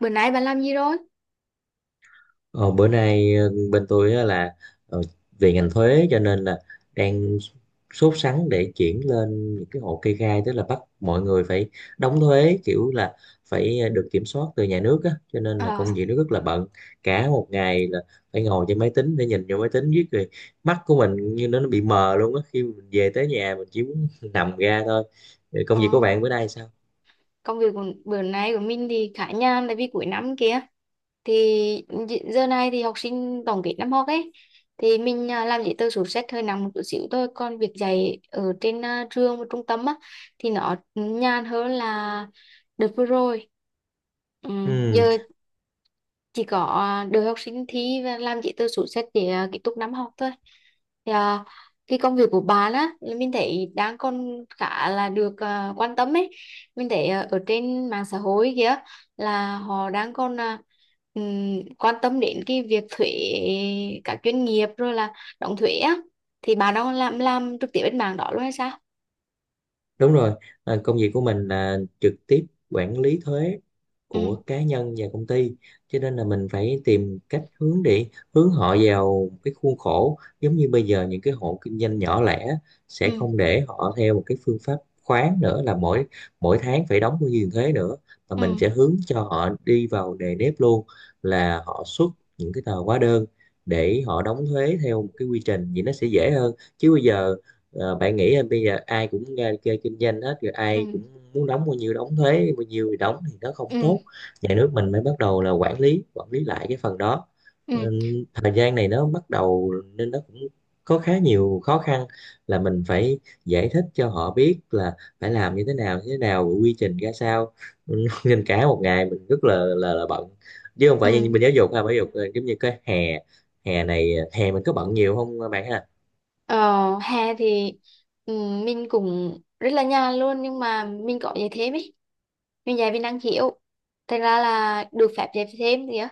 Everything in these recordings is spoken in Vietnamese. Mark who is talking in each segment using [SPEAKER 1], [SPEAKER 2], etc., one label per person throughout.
[SPEAKER 1] Bữa nay bạn làm gì rồi?
[SPEAKER 2] Ờ, Bữa nay bên tôi á là ờ, về ngành thuế, cho nên là đang sốt sắng để chuyển lên những cái hộ kê khai, tức là bắt mọi người phải đóng thuế kiểu là phải được kiểm soát từ nhà nước á, cho nên là công
[SPEAKER 1] À,
[SPEAKER 2] việc nó rất là bận. Cả một ngày là phải ngồi trên máy tính để nhìn vô máy tính viết rồi mắt của mình như nó bị mờ luôn á. Khi mình về tới nhà mình chỉ muốn nằm ra thôi. Công
[SPEAKER 1] ờ,
[SPEAKER 2] việc của bạn bữa nay sao?
[SPEAKER 1] Công việc của bữa nay của mình thì khá nhàn tại vì cuối năm kia thì giờ này thì học sinh tổng kết năm học ấy, thì mình làm giấy tờ sổ sách hơi nặng một chút xíu thôi, còn việc dạy ở trên trường và trung tâm á thì nó nhàn hơn là đợt vừa rồi. Ừ.
[SPEAKER 2] Ừ.
[SPEAKER 1] Giờ chỉ có đưa học sinh thi và làm giấy tờ sổ sách để kết thúc năm học thôi. thì à, cái công việc của bà á là mình thấy đang còn khá là được quan tâm ấy. Mình thấy ở trên mạng xã hội kia là họ đang còn quan tâm đến cái việc thuế các doanh nghiệp, rồi là đóng thuế á. Thì bà đang làm trực tiếp bên mảng đó luôn hay sao?
[SPEAKER 2] Đúng rồi, à, công việc của mình là trực tiếp quản lý thuế
[SPEAKER 1] Ừ,
[SPEAKER 2] của cá nhân và công ty, cho nên là mình phải tìm cách hướng để hướng họ vào cái khuôn khổ. Giống như bây giờ những cái hộ kinh doanh nhỏ lẻ sẽ
[SPEAKER 1] ừ,
[SPEAKER 2] không để họ theo một cái phương pháp khoán nữa, là mỗi mỗi tháng phải đóng bao nhiêu tiền thuế nữa, mà mình
[SPEAKER 1] ừ,
[SPEAKER 2] sẽ hướng cho họ đi vào nề nếp luôn, là họ xuất những cái tờ hóa đơn để họ đóng thuế theo một cái quy trình, vậy nó sẽ dễ hơn. Chứ bây giờ, bạn nghĩ là bây giờ ai cũng ra chơi kinh doanh hết rồi, ai
[SPEAKER 1] ừ,
[SPEAKER 2] cũng muốn đóng bao nhiêu đóng thuế bao nhiêu thì đóng, thì nó không
[SPEAKER 1] ừ,
[SPEAKER 2] tốt.
[SPEAKER 1] ừ,
[SPEAKER 2] Nhà nước mình mới bắt đầu là quản lý lại cái phần đó.
[SPEAKER 1] ừ,
[SPEAKER 2] Ừ, thời gian này nó bắt đầu nên nó cũng có khá nhiều khó khăn, là mình phải giải thích cho họ biết là phải làm như thế nào như thế nào, quy trình ra sao. Ừ, nên cả một ngày mình rất là bận, chứ không phải như
[SPEAKER 1] ừ.
[SPEAKER 2] mình giáo dục ha. Giáo dục là giống như cái hè, hè này hè mình có bận nhiều không bạn ha?
[SPEAKER 1] Ờ, hè thì ừ, mình cũng rất là nhàn luôn, nhưng mà mình có dạy thêm ấy. Mình dạy mình năng khiếu thành ra là được phép dạy thêm kìa.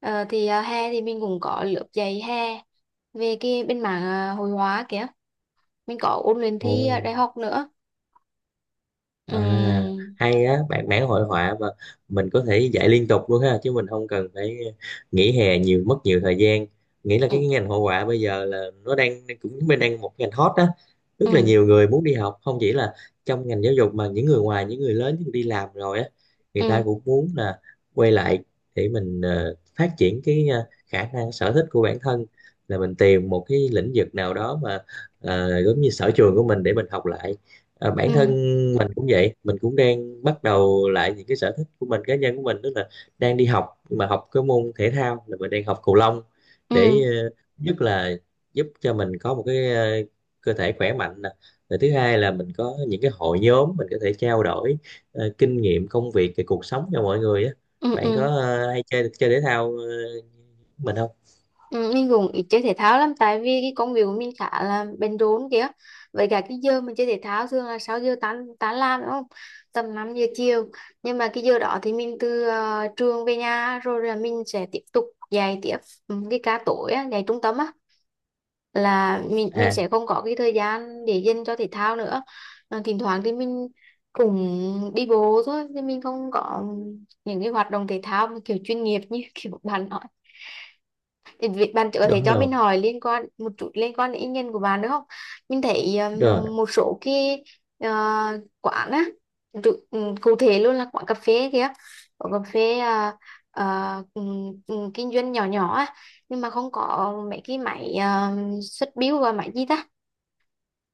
[SPEAKER 1] Hè thì mình cũng có lớp dạy hè về cái bên mảng hội họa kìa. Mình có ôn luyện
[SPEAKER 2] Ồ.
[SPEAKER 1] thi đại học nữa.
[SPEAKER 2] À,
[SPEAKER 1] Ừ,
[SPEAKER 2] hay á, bạn vẽ hội họa mà mình có thể dạy liên tục luôn ha, chứ mình không cần phải nghỉ hè nhiều, mất nhiều thời gian. Nghĩ là
[SPEAKER 1] ừ,
[SPEAKER 2] cái ngành hội họa bây giờ là nó đang cũng bên đang một ngành hot đó, rất là
[SPEAKER 1] ừ,
[SPEAKER 2] nhiều người muốn đi học, không chỉ là trong ngành giáo dục mà những người ngoài, những người lớn, những người đi làm rồi á, người ta
[SPEAKER 1] ừ,
[SPEAKER 2] cũng muốn là quay lại để mình phát triển cái khả năng sở thích của bản thân, là mình tìm một cái lĩnh vực nào đó mà giống như sở trường của mình để mình học lại. Ờ, bản
[SPEAKER 1] ừ,
[SPEAKER 2] thân mình cũng vậy, mình cũng đang bắt đầu lại những cái sở thích của mình, cá nhân của mình, tức là đang đi học, nhưng mà học cái môn thể thao là mình đang học cầu lông,
[SPEAKER 1] ừ,
[SPEAKER 2] để
[SPEAKER 1] ừ,
[SPEAKER 2] nhất là giúp cho mình có một cái cơ thể khỏe mạnh nè, rồi thứ hai là mình có những cái hội nhóm mình có thể trao đổi kinh nghiệm công việc về cuộc sống cho mọi người á.
[SPEAKER 1] ừ.
[SPEAKER 2] Bạn có
[SPEAKER 1] Ừ.
[SPEAKER 2] hay chơi chơi thể thao mình không?
[SPEAKER 1] Ừ, mình cũng ít chơi thể thao lắm tại vì cái công việc của mình khá là bận rộn kìa. Với cả cái giờ mình chơi thể thao thường là 6 giờ tan tan làm đúng không, tầm 5 giờ chiều. Nhưng mà cái giờ đó thì mình từ trường về nhà rồi là mình sẽ tiếp tục dạy tiếp, ừ, cái ca tối á, dạy trung tâm á, là mình
[SPEAKER 2] À,
[SPEAKER 1] sẽ không có cái thời gian để dành cho thể thao nữa. Ờ, thỉnh thoảng thì mình cũng đi bộ thôi, chứ mình không có những cái hoạt động thể thao mà kiểu chuyên nghiệp như kiểu bạn. Thì việc bạn trước thì
[SPEAKER 2] đúng
[SPEAKER 1] cho
[SPEAKER 2] rồi.
[SPEAKER 1] mình hỏi liên quan một chút, liên quan đến ý kiến của bạn được không? Mình thấy
[SPEAKER 2] Rồi,
[SPEAKER 1] một số cái ờ, quán á, cụ thể luôn là quán cà phê kìa, quán cà phê ờ, ừ, kinh doanh nhỏ nhỏ á, nhưng mà không có mấy cái máy xuất bill và máy gì ta?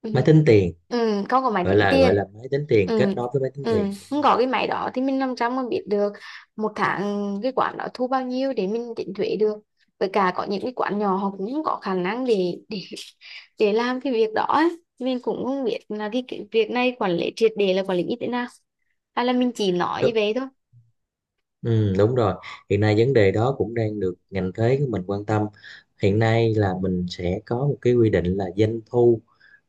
[SPEAKER 1] Ừ.
[SPEAKER 2] máy tính tiền,
[SPEAKER 1] Ừ, không có máy
[SPEAKER 2] gọi
[SPEAKER 1] tính
[SPEAKER 2] là
[SPEAKER 1] tiền.
[SPEAKER 2] gọi là máy tính tiền kết
[SPEAKER 1] Ừ.
[SPEAKER 2] nối với máy tính
[SPEAKER 1] Ừ,
[SPEAKER 2] tiền,
[SPEAKER 1] không
[SPEAKER 2] đúng
[SPEAKER 1] có cái máy đó thì mình làm sao mà biết được một tháng cái quán đó thu bao nhiêu để mình tính thuế được. Với cả có những cái quán nhỏ họ cũng không có khả năng để để làm cái việc đó ấy. Mình cũng không biết là cái việc này quản lý triệt để là quản lý như thế nào, hay là mình chỉ nói
[SPEAKER 2] rồi.
[SPEAKER 1] như vậy thôi.
[SPEAKER 2] Ừ, đúng rồi. Hiện nay vấn đề đó cũng đang được ngành thuế của mình quan tâm. Hiện nay là mình sẽ có một cái quy định là doanh thu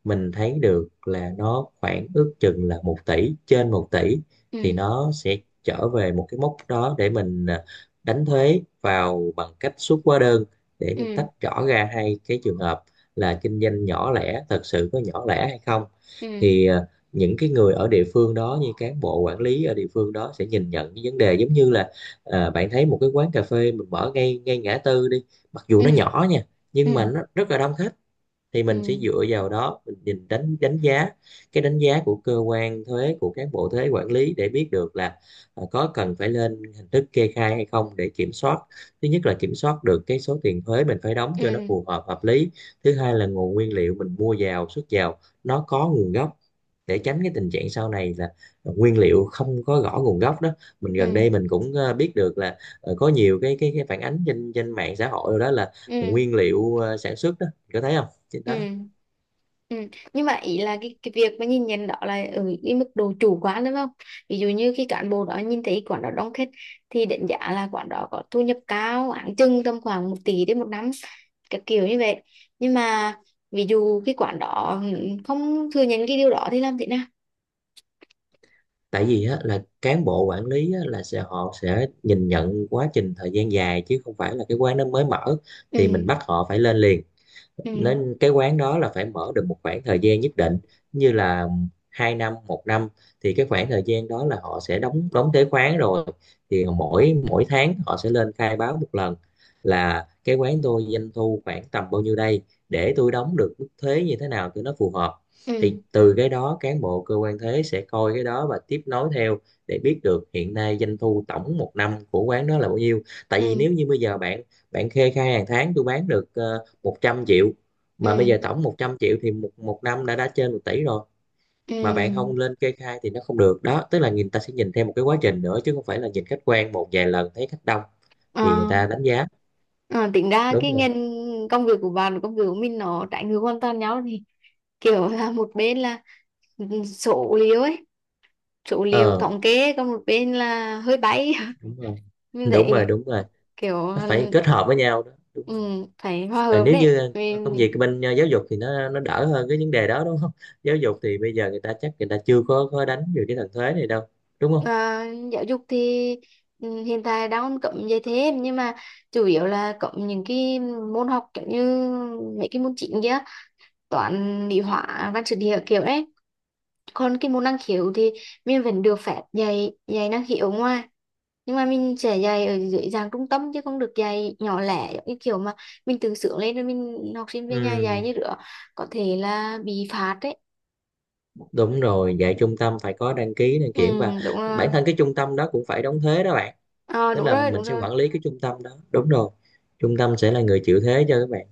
[SPEAKER 2] mình thấy được là nó khoảng ước chừng là 1 tỷ, trên 1 tỷ,
[SPEAKER 1] Ừ,
[SPEAKER 2] thì nó sẽ trở về một cái mốc đó để mình à, đánh thuế vào bằng cách xuất hóa đơn, để mình tách
[SPEAKER 1] ừ,
[SPEAKER 2] rõ ra hai cái trường hợp là kinh doanh nhỏ lẻ thật sự có nhỏ lẻ hay không.
[SPEAKER 1] ừ,
[SPEAKER 2] Thì à, những cái người ở địa phương đó như cán bộ quản lý ở địa phương đó sẽ nhìn nhận cái vấn đề giống như là, à, bạn thấy một cái quán cà phê mình mở ngay ngay ngã tư đi, mặc dù nó
[SPEAKER 1] ừ,
[SPEAKER 2] nhỏ nha,
[SPEAKER 1] ừ,
[SPEAKER 2] nhưng mà nó rất là đông khách, thì
[SPEAKER 1] ừ,
[SPEAKER 2] mình sẽ dựa vào đó mình nhìn đánh đánh giá, cái đánh giá của cơ quan thuế, của cán bộ thuế quản lý, để biết được là có cần phải lên hình thức kê khai hay không để kiểm soát. Thứ nhất là kiểm soát được cái số tiền thuế mình phải đóng cho nó
[SPEAKER 1] ừ,
[SPEAKER 2] phù hợp hợp lý. Thứ hai là nguồn nguyên liệu mình mua vào xuất vào nó có nguồn gốc, để tránh cái tình trạng sau này là nguyên liệu không có rõ nguồn gốc đó. Mình
[SPEAKER 1] ừ,
[SPEAKER 2] gần đây mình cũng biết được là có nhiều cái cái phản ánh trên trên mạng xã hội rồi, đó là
[SPEAKER 1] ừ,
[SPEAKER 2] nguyên liệu sản xuất đó, có thấy không, trên đó.
[SPEAKER 1] ừ. Ừ. Nhưng mà ý là cái việc mà nhìn nhận đó là ở cái mức độ chủ quan đúng không? Ví dụ như khi cán bộ đó nhìn thấy quán đó đông khách thì đánh giá là quán đó có thu nhập cao, áng chừng tầm khoảng một tỷ đến một năm, cái kiểu như vậy. Nhưng mà ví dụ cái quán đó ừ, không thừa nhận cái điều đó thì làm thế nào?
[SPEAKER 2] Tại vì á, là cán bộ quản lý á, là sẽ họ sẽ nhìn nhận quá trình thời gian dài, chứ không phải là cái quán nó mới mở thì mình
[SPEAKER 1] Ừ,
[SPEAKER 2] bắt họ phải lên liền.
[SPEAKER 1] ừ,
[SPEAKER 2] Nên cái quán đó là phải mở được một khoảng thời gian nhất định, như là hai năm một năm, thì cái khoảng thời gian đó là họ sẽ đóng đóng thuế khoán rồi, thì mỗi mỗi tháng họ sẽ lên khai báo một lần, là cái quán tôi doanh thu khoảng tầm bao nhiêu đây, để tôi đóng được mức thuế như thế nào cho nó phù hợp. Thì
[SPEAKER 1] ừ,
[SPEAKER 2] từ cái đó cán bộ cơ quan thuế sẽ coi cái đó và tiếp nối theo, để biết được hiện nay doanh thu tổng một năm của quán đó là bao nhiêu. Tại vì
[SPEAKER 1] ừ,
[SPEAKER 2] nếu như bây giờ bạn bạn kê khai hàng tháng tôi bán được 100 triệu, mà bây
[SPEAKER 1] ừ,
[SPEAKER 2] giờ tổng 100 triệu thì một một năm đã trên 1 tỷ rồi, mà bạn
[SPEAKER 1] ừ.
[SPEAKER 2] không lên kê khai thì nó không được đó. Tức là người ta sẽ nhìn theo một cái quá trình nữa, chứ không phải là nhìn khách quan một vài lần thấy khách đông thì người
[SPEAKER 1] Ờ,
[SPEAKER 2] ta đánh giá.
[SPEAKER 1] ờ, tính ra
[SPEAKER 2] Đúng
[SPEAKER 1] cái
[SPEAKER 2] rồi,
[SPEAKER 1] ngành công việc của bạn và công việc của mình nó trái ngược hoàn toàn nhau thì kiểu là một bên là số liệu ấy, số liệu
[SPEAKER 2] ờ
[SPEAKER 1] thống kê, còn một bên là hơi bay.
[SPEAKER 2] đúng rồi,
[SPEAKER 1] Mình
[SPEAKER 2] đúng rồi,
[SPEAKER 1] thấy
[SPEAKER 2] đúng rồi,
[SPEAKER 1] kiểu
[SPEAKER 2] nó phải kết hợp với nhau đó, đúng
[SPEAKER 1] ừ,
[SPEAKER 2] rồi.
[SPEAKER 1] phải hòa
[SPEAKER 2] Ờ,
[SPEAKER 1] hợp
[SPEAKER 2] nếu
[SPEAKER 1] đấy.
[SPEAKER 2] như công
[SPEAKER 1] Mình,
[SPEAKER 2] việc bên giáo dục thì nó đỡ hơn cái vấn đề đó, đúng không? Giáo dục thì bây giờ người ta chắc người ta chưa có đánh về cái thần thuế này đâu, đúng không?
[SPEAKER 1] à, giáo dục thì ừ, hiện tại đang cấm dạy thêm, nhưng mà chủ yếu là cấm những cái môn học kiểu như mấy cái môn chính kia, toán lý hóa văn sử địa kiểu đấy. Còn cái môn năng khiếu thì mình vẫn được phép dạy dạy năng khiếu ở ngoài, nhưng mà mình sẽ dạy ở dưới dạng trung tâm chứ không được dạy nhỏ lẻ giống như kiểu mà mình tự sướng lên rồi mình học sinh về nhà dạy
[SPEAKER 2] Ừ.
[SPEAKER 1] như nữa. Có thể là bị phạt đấy.
[SPEAKER 2] Đúng rồi, dạy trung tâm phải có đăng ký, đăng
[SPEAKER 1] Ừ,
[SPEAKER 2] kiểm, và
[SPEAKER 1] đúng
[SPEAKER 2] bản
[SPEAKER 1] rồi.
[SPEAKER 2] thân cái trung tâm đó cũng phải đóng thuế đó bạn.
[SPEAKER 1] Ờ,
[SPEAKER 2] Tức
[SPEAKER 1] đúng
[SPEAKER 2] là
[SPEAKER 1] rồi đúng
[SPEAKER 2] mình sẽ
[SPEAKER 1] rồi
[SPEAKER 2] quản lý cái trung tâm đó. Đúng rồi. Trung tâm sẽ là người chịu thuế cho các bạn.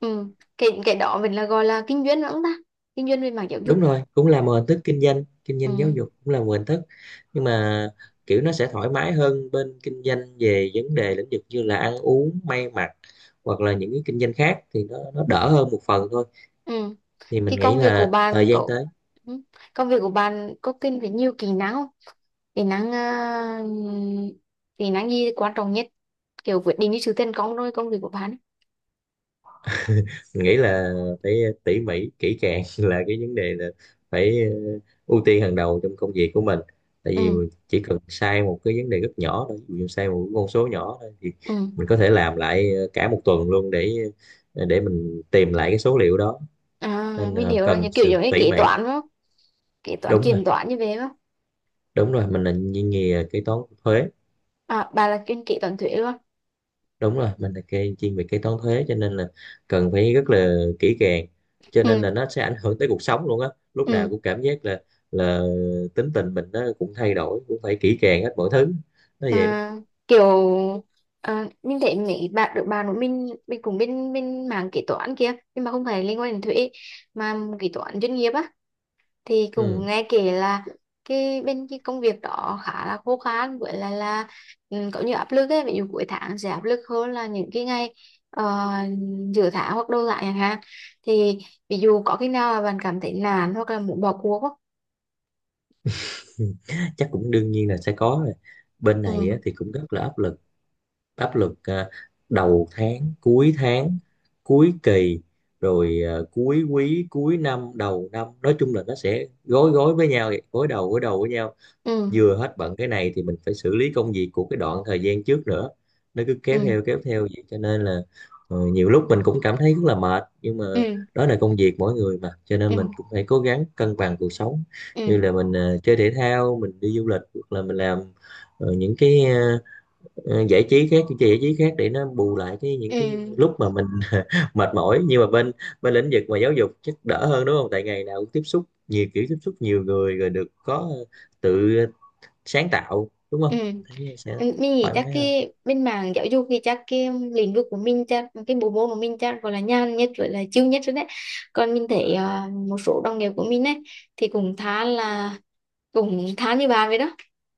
[SPEAKER 1] Ừ, cái đó mình là gọi là kinh doanh lắm ta, kinh doanh về mảng giáo
[SPEAKER 2] Đúng
[SPEAKER 1] dục.
[SPEAKER 2] rồi, cũng là một hình thức kinh doanh giáo
[SPEAKER 1] Ừ.
[SPEAKER 2] dục cũng là một hình thức. Nhưng mà kiểu nó sẽ thoải mái hơn bên kinh doanh về vấn đề lĩnh vực như là ăn uống, may mặc, hoặc là những cái kinh doanh khác, thì nó đỡ hơn một phần thôi.
[SPEAKER 1] Ừ,
[SPEAKER 2] Thì mình
[SPEAKER 1] cái
[SPEAKER 2] nghĩ
[SPEAKER 1] công việc của
[SPEAKER 2] là
[SPEAKER 1] bạn
[SPEAKER 2] thời gian
[SPEAKER 1] có
[SPEAKER 2] tới.
[SPEAKER 1] ừ, công việc của bạn có cần phải nhiều kỹ năng không, kỹ năng uh, kỹ năng gì quan trọng nhất, kiểu quyết định cái sự thành công rồi công việc của bạn ấy.
[SPEAKER 2] Mình nghĩ là phải tỉ mỉ kỹ càng, là cái vấn đề là phải ưu tiên hàng đầu trong công việc của mình. Tại
[SPEAKER 1] Ừ,
[SPEAKER 2] vì mình chỉ cần sai một cái vấn đề rất nhỏ thôi, ví dụ sai một con số nhỏ thôi, thì
[SPEAKER 1] ừ.
[SPEAKER 2] mình có thể làm lại cả một tuần luôn để mình tìm lại cái số liệu đó,
[SPEAKER 1] À
[SPEAKER 2] nên
[SPEAKER 1] mình
[SPEAKER 2] là
[SPEAKER 1] hiểu rồi,
[SPEAKER 2] cần
[SPEAKER 1] như kiểu
[SPEAKER 2] sự
[SPEAKER 1] giống như
[SPEAKER 2] tỉ
[SPEAKER 1] kế
[SPEAKER 2] mỉ.
[SPEAKER 1] toán đúng không, kế toán
[SPEAKER 2] Đúng rồi,
[SPEAKER 1] kiểm toán như vậy đúng không?
[SPEAKER 2] đúng rồi, mình là ngành nghề kế toán thuế.
[SPEAKER 1] À bà là chuyên kế toán thuế luôn.
[SPEAKER 2] Đúng rồi, mình là kê chuyên về kế toán thuế, cho nên là cần phải rất là kỹ càng, cho nên
[SPEAKER 1] Ừ,
[SPEAKER 2] là nó sẽ ảnh hưởng tới cuộc sống luôn á. Lúc nào
[SPEAKER 1] ừ.
[SPEAKER 2] cũng cảm giác là tính tình mình nó cũng thay đổi, cũng phải kỹ càng hết mọi thứ. Nó vậy đó.
[SPEAKER 1] à, kiểu mình thấy mấy bạn được bạn của mình cũng bên bên mảng kế toán kia, nhưng mà không phải liên quan đến thuế mà kế toán doanh nghiệp á, thì cũng
[SPEAKER 2] Ừ.
[SPEAKER 1] nghe kể là cái bên cái công việc đó khá là khô khan, với lại là ừ, có nhiều áp lực ấy. Ví dụ cuối tháng sẽ áp lực hơn là những cái ngày ờ, giữa tháng hoặc đầu tháng chẳng hạn. Thì ví dụ có khi nào mà bạn cảm thấy nản hoặc là muốn bỏ cuộc không?
[SPEAKER 2] Chắc cũng đương nhiên là sẽ có rồi, bên này á,
[SPEAKER 1] Ừ,
[SPEAKER 2] thì cũng rất là áp lực. Áp lực à, đầu tháng cuối kỳ, rồi à, cuối quý cuối năm đầu năm, nói chung là nó sẽ gối gối với nhau vậy, gối đầu với nhau.
[SPEAKER 1] ừ,
[SPEAKER 2] Vừa hết bận cái này thì mình phải xử lý công việc của cái đoạn thời gian trước nữa, nó cứ
[SPEAKER 1] ừ,
[SPEAKER 2] kéo theo vậy, cho nên là nhiều lúc mình cũng cảm thấy rất là mệt. Nhưng mà
[SPEAKER 1] ừ,
[SPEAKER 2] đó là công việc mỗi người mà, cho nên mình
[SPEAKER 1] ừ,
[SPEAKER 2] cũng phải cố gắng cân bằng cuộc sống,
[SPEAKER 1] ừ,
[SPEAKER 2] như là mình chơi thể thao, mình đi du lịch, hoặc là mình làm những cái giải trí khác, những cái giải trí khác, để nó bù lại cái những
[SPEAKER 1] ừ,
[SPEAKER 2] cái lúc mà mình mệt mỏi. Nhưng mà bên bên lĩnh vực mà giáo dục chắc đỡ hơn, đúng không, tại ngày nào cũng tiếp xúc nhiều kiểu, tiếp xúc nhiều người, rồi được có tự sáng tạo, đúng
[SPEAKER 1] ừ,
[SPEAKER 2] không?
[SPEAKER 1] ừ.
[SPEAKER 2] Thấy sẽ
[SPEAKER 1] Ừ, mình nghĩ
[SPEAKER 2] thoải
[SPEAKER 1] chắc
[SPEAKER 2] mái hơn.
[SPEAKER 1] cái bên mảng giáo dục thì chắc cái lĩnh vực của mình, chắc cái bộ môn của mình chắc gọi là nhàn nhất với là chill nhất rồi đấy. Còn mình thấy một số đồng nghiệp của mình ấy thì cũng khá là cũng khá như bà vậy đó.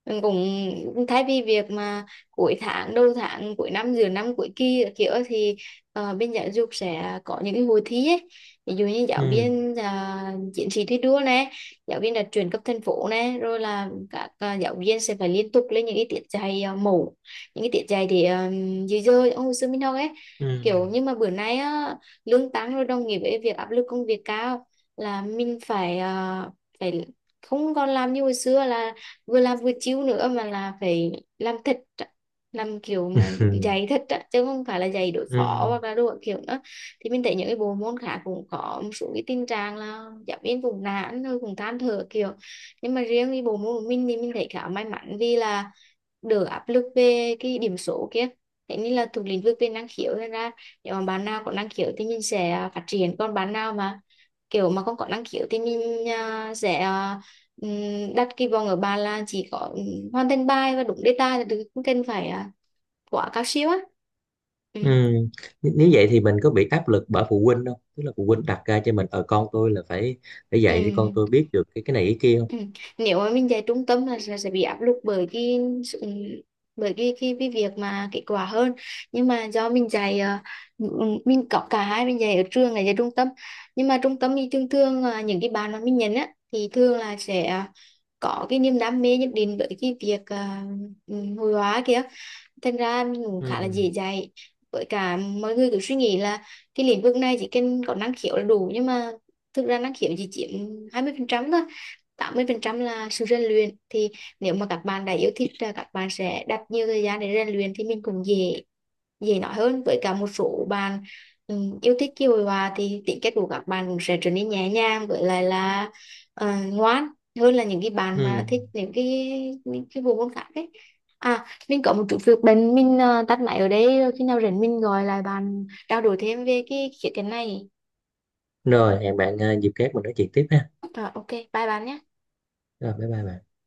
[SPEAKER 1] Mình cũng, cũng thay vì việc mà cuối tháng đầu tháng cuối năm giữa năm cuối kỳ các kiểu thì ờ, bên giáo dục sẽ có những cái hội thi ấy, ví dụ như giáo
[SPEAKER 2] Ừ
[SPEAKER 1] viên chiến sĩ thi đua này, giáo viên là chuyển cấp thành phố này, rồi là các giáo viên sẽ phải liên tục lên những cái tiết dạy mẫu, những cái tiết dạy thì à, dưới giờ ông hồi xưa mình học ấy
[SPEAKER 2] ừ.
[SPEAKER 1] kiểu. Nhưng mà bữa nay á, lương tăng rồi đồng nghĩa với việc áp lực công việc cao, là mình phải phải không còn làm như hồi xưa là vừa làm vừa chiếu nữa, mà là phải làm thật, làm kiểu mà
[SPEAKER 2] Ừ
[SPEAKER 1] dạy thật á, chứ không phải là dạy đối phó
[SPEAKER 2] ừ
[SPEAKER 1] hoặc là đồ kiểu nữa. Thì mình thấy những cái bộ môn khác cũng có một số cái tình trạng là giáo viên cũng nản rồi cũng than thở kiểu. Nhưng mà riêng cái bộ môn của mình thì mình thấy khá may mắn vì là đỡ áp lực về cái điểm số kia, thế nên là thuộc lĩnh vực về năng khiếu nên ra, nếu mà bạn nào có năng khiếu thì mình sẽ phát triển, còn bạn nào mà kiểu mà không có năng khiếu thì mình đặt kỳ vọng ở bạn là chỉ có hoàn thành bài và đúng đề tài là được, không cần phải quá cao siêu á. Ừ.
[SPEAKER 2] ừ. Nếu vậy thì mình có bị áp lực bởi phụ huynh không, tức là phụ huynh đặt ra cho mình ở con tôi là phải phải
[SPEAKER 1] Ừ.
[SPEAKER 2] dạy cho con tôi biết được cái này cái kia không?
[SPEAKER 1] Ừ. Nếu mà mình dạy trung tâm là sẽ bị áp lực bởi cái sự, bởi cái việc mà kết quả hơn. Nhưng mà do mình dạy mình có cả hai, mình dạy ở trường là dạy trung tâm. Nhưng mà trung tâm thì thường thường là những cái bạn mà mình nhận á thì thường là sẽ có cái niềm đam mê nhất định với cái việc hội họa kia, thật ra anh cũng
[SPEAKER 2] Ừ
[SPEAKER 1] khá là dễ dạy. Với cả mọi người cứ suy nghĩ là cái lĩnh vực này chỉ cần có năng khiếu là đủ, nhưng mà thực ra năng khiếu chỉ chiếm 20% thôi, 80% là sự rèn luyện. Thì nếu mà các bạn đã yêu thích là các bạn sẽ đặt nhiều thời gian để rèn luyện thì mình cũng dễ dễ nói hơn. Với cả một số bạn yêu thích kiều hòa thì tính cách của các bạn cũng sẽ trở nên nhẹ nhàng, với lại là ờ, ngoan hơn là những cái bạn mà thích
[SPEAKER 2] ừ.
[SPEAKER 1] những cái bộ môn khác ấy. À mình có một chút việc bên mình tắt máy ở đây rồi, khi nào rảnh mình gọi lại bạn trao đổi thêm về cái khía cạnh này.
[SPEAKER 2] Rồi, hẹn bạn dịp khác mình nói chuyện tiếp ha.
[SPEAKER 1] Rồi, ok bye bạn nhé.
[SPEAKER 2] Rồi bye bye bạn.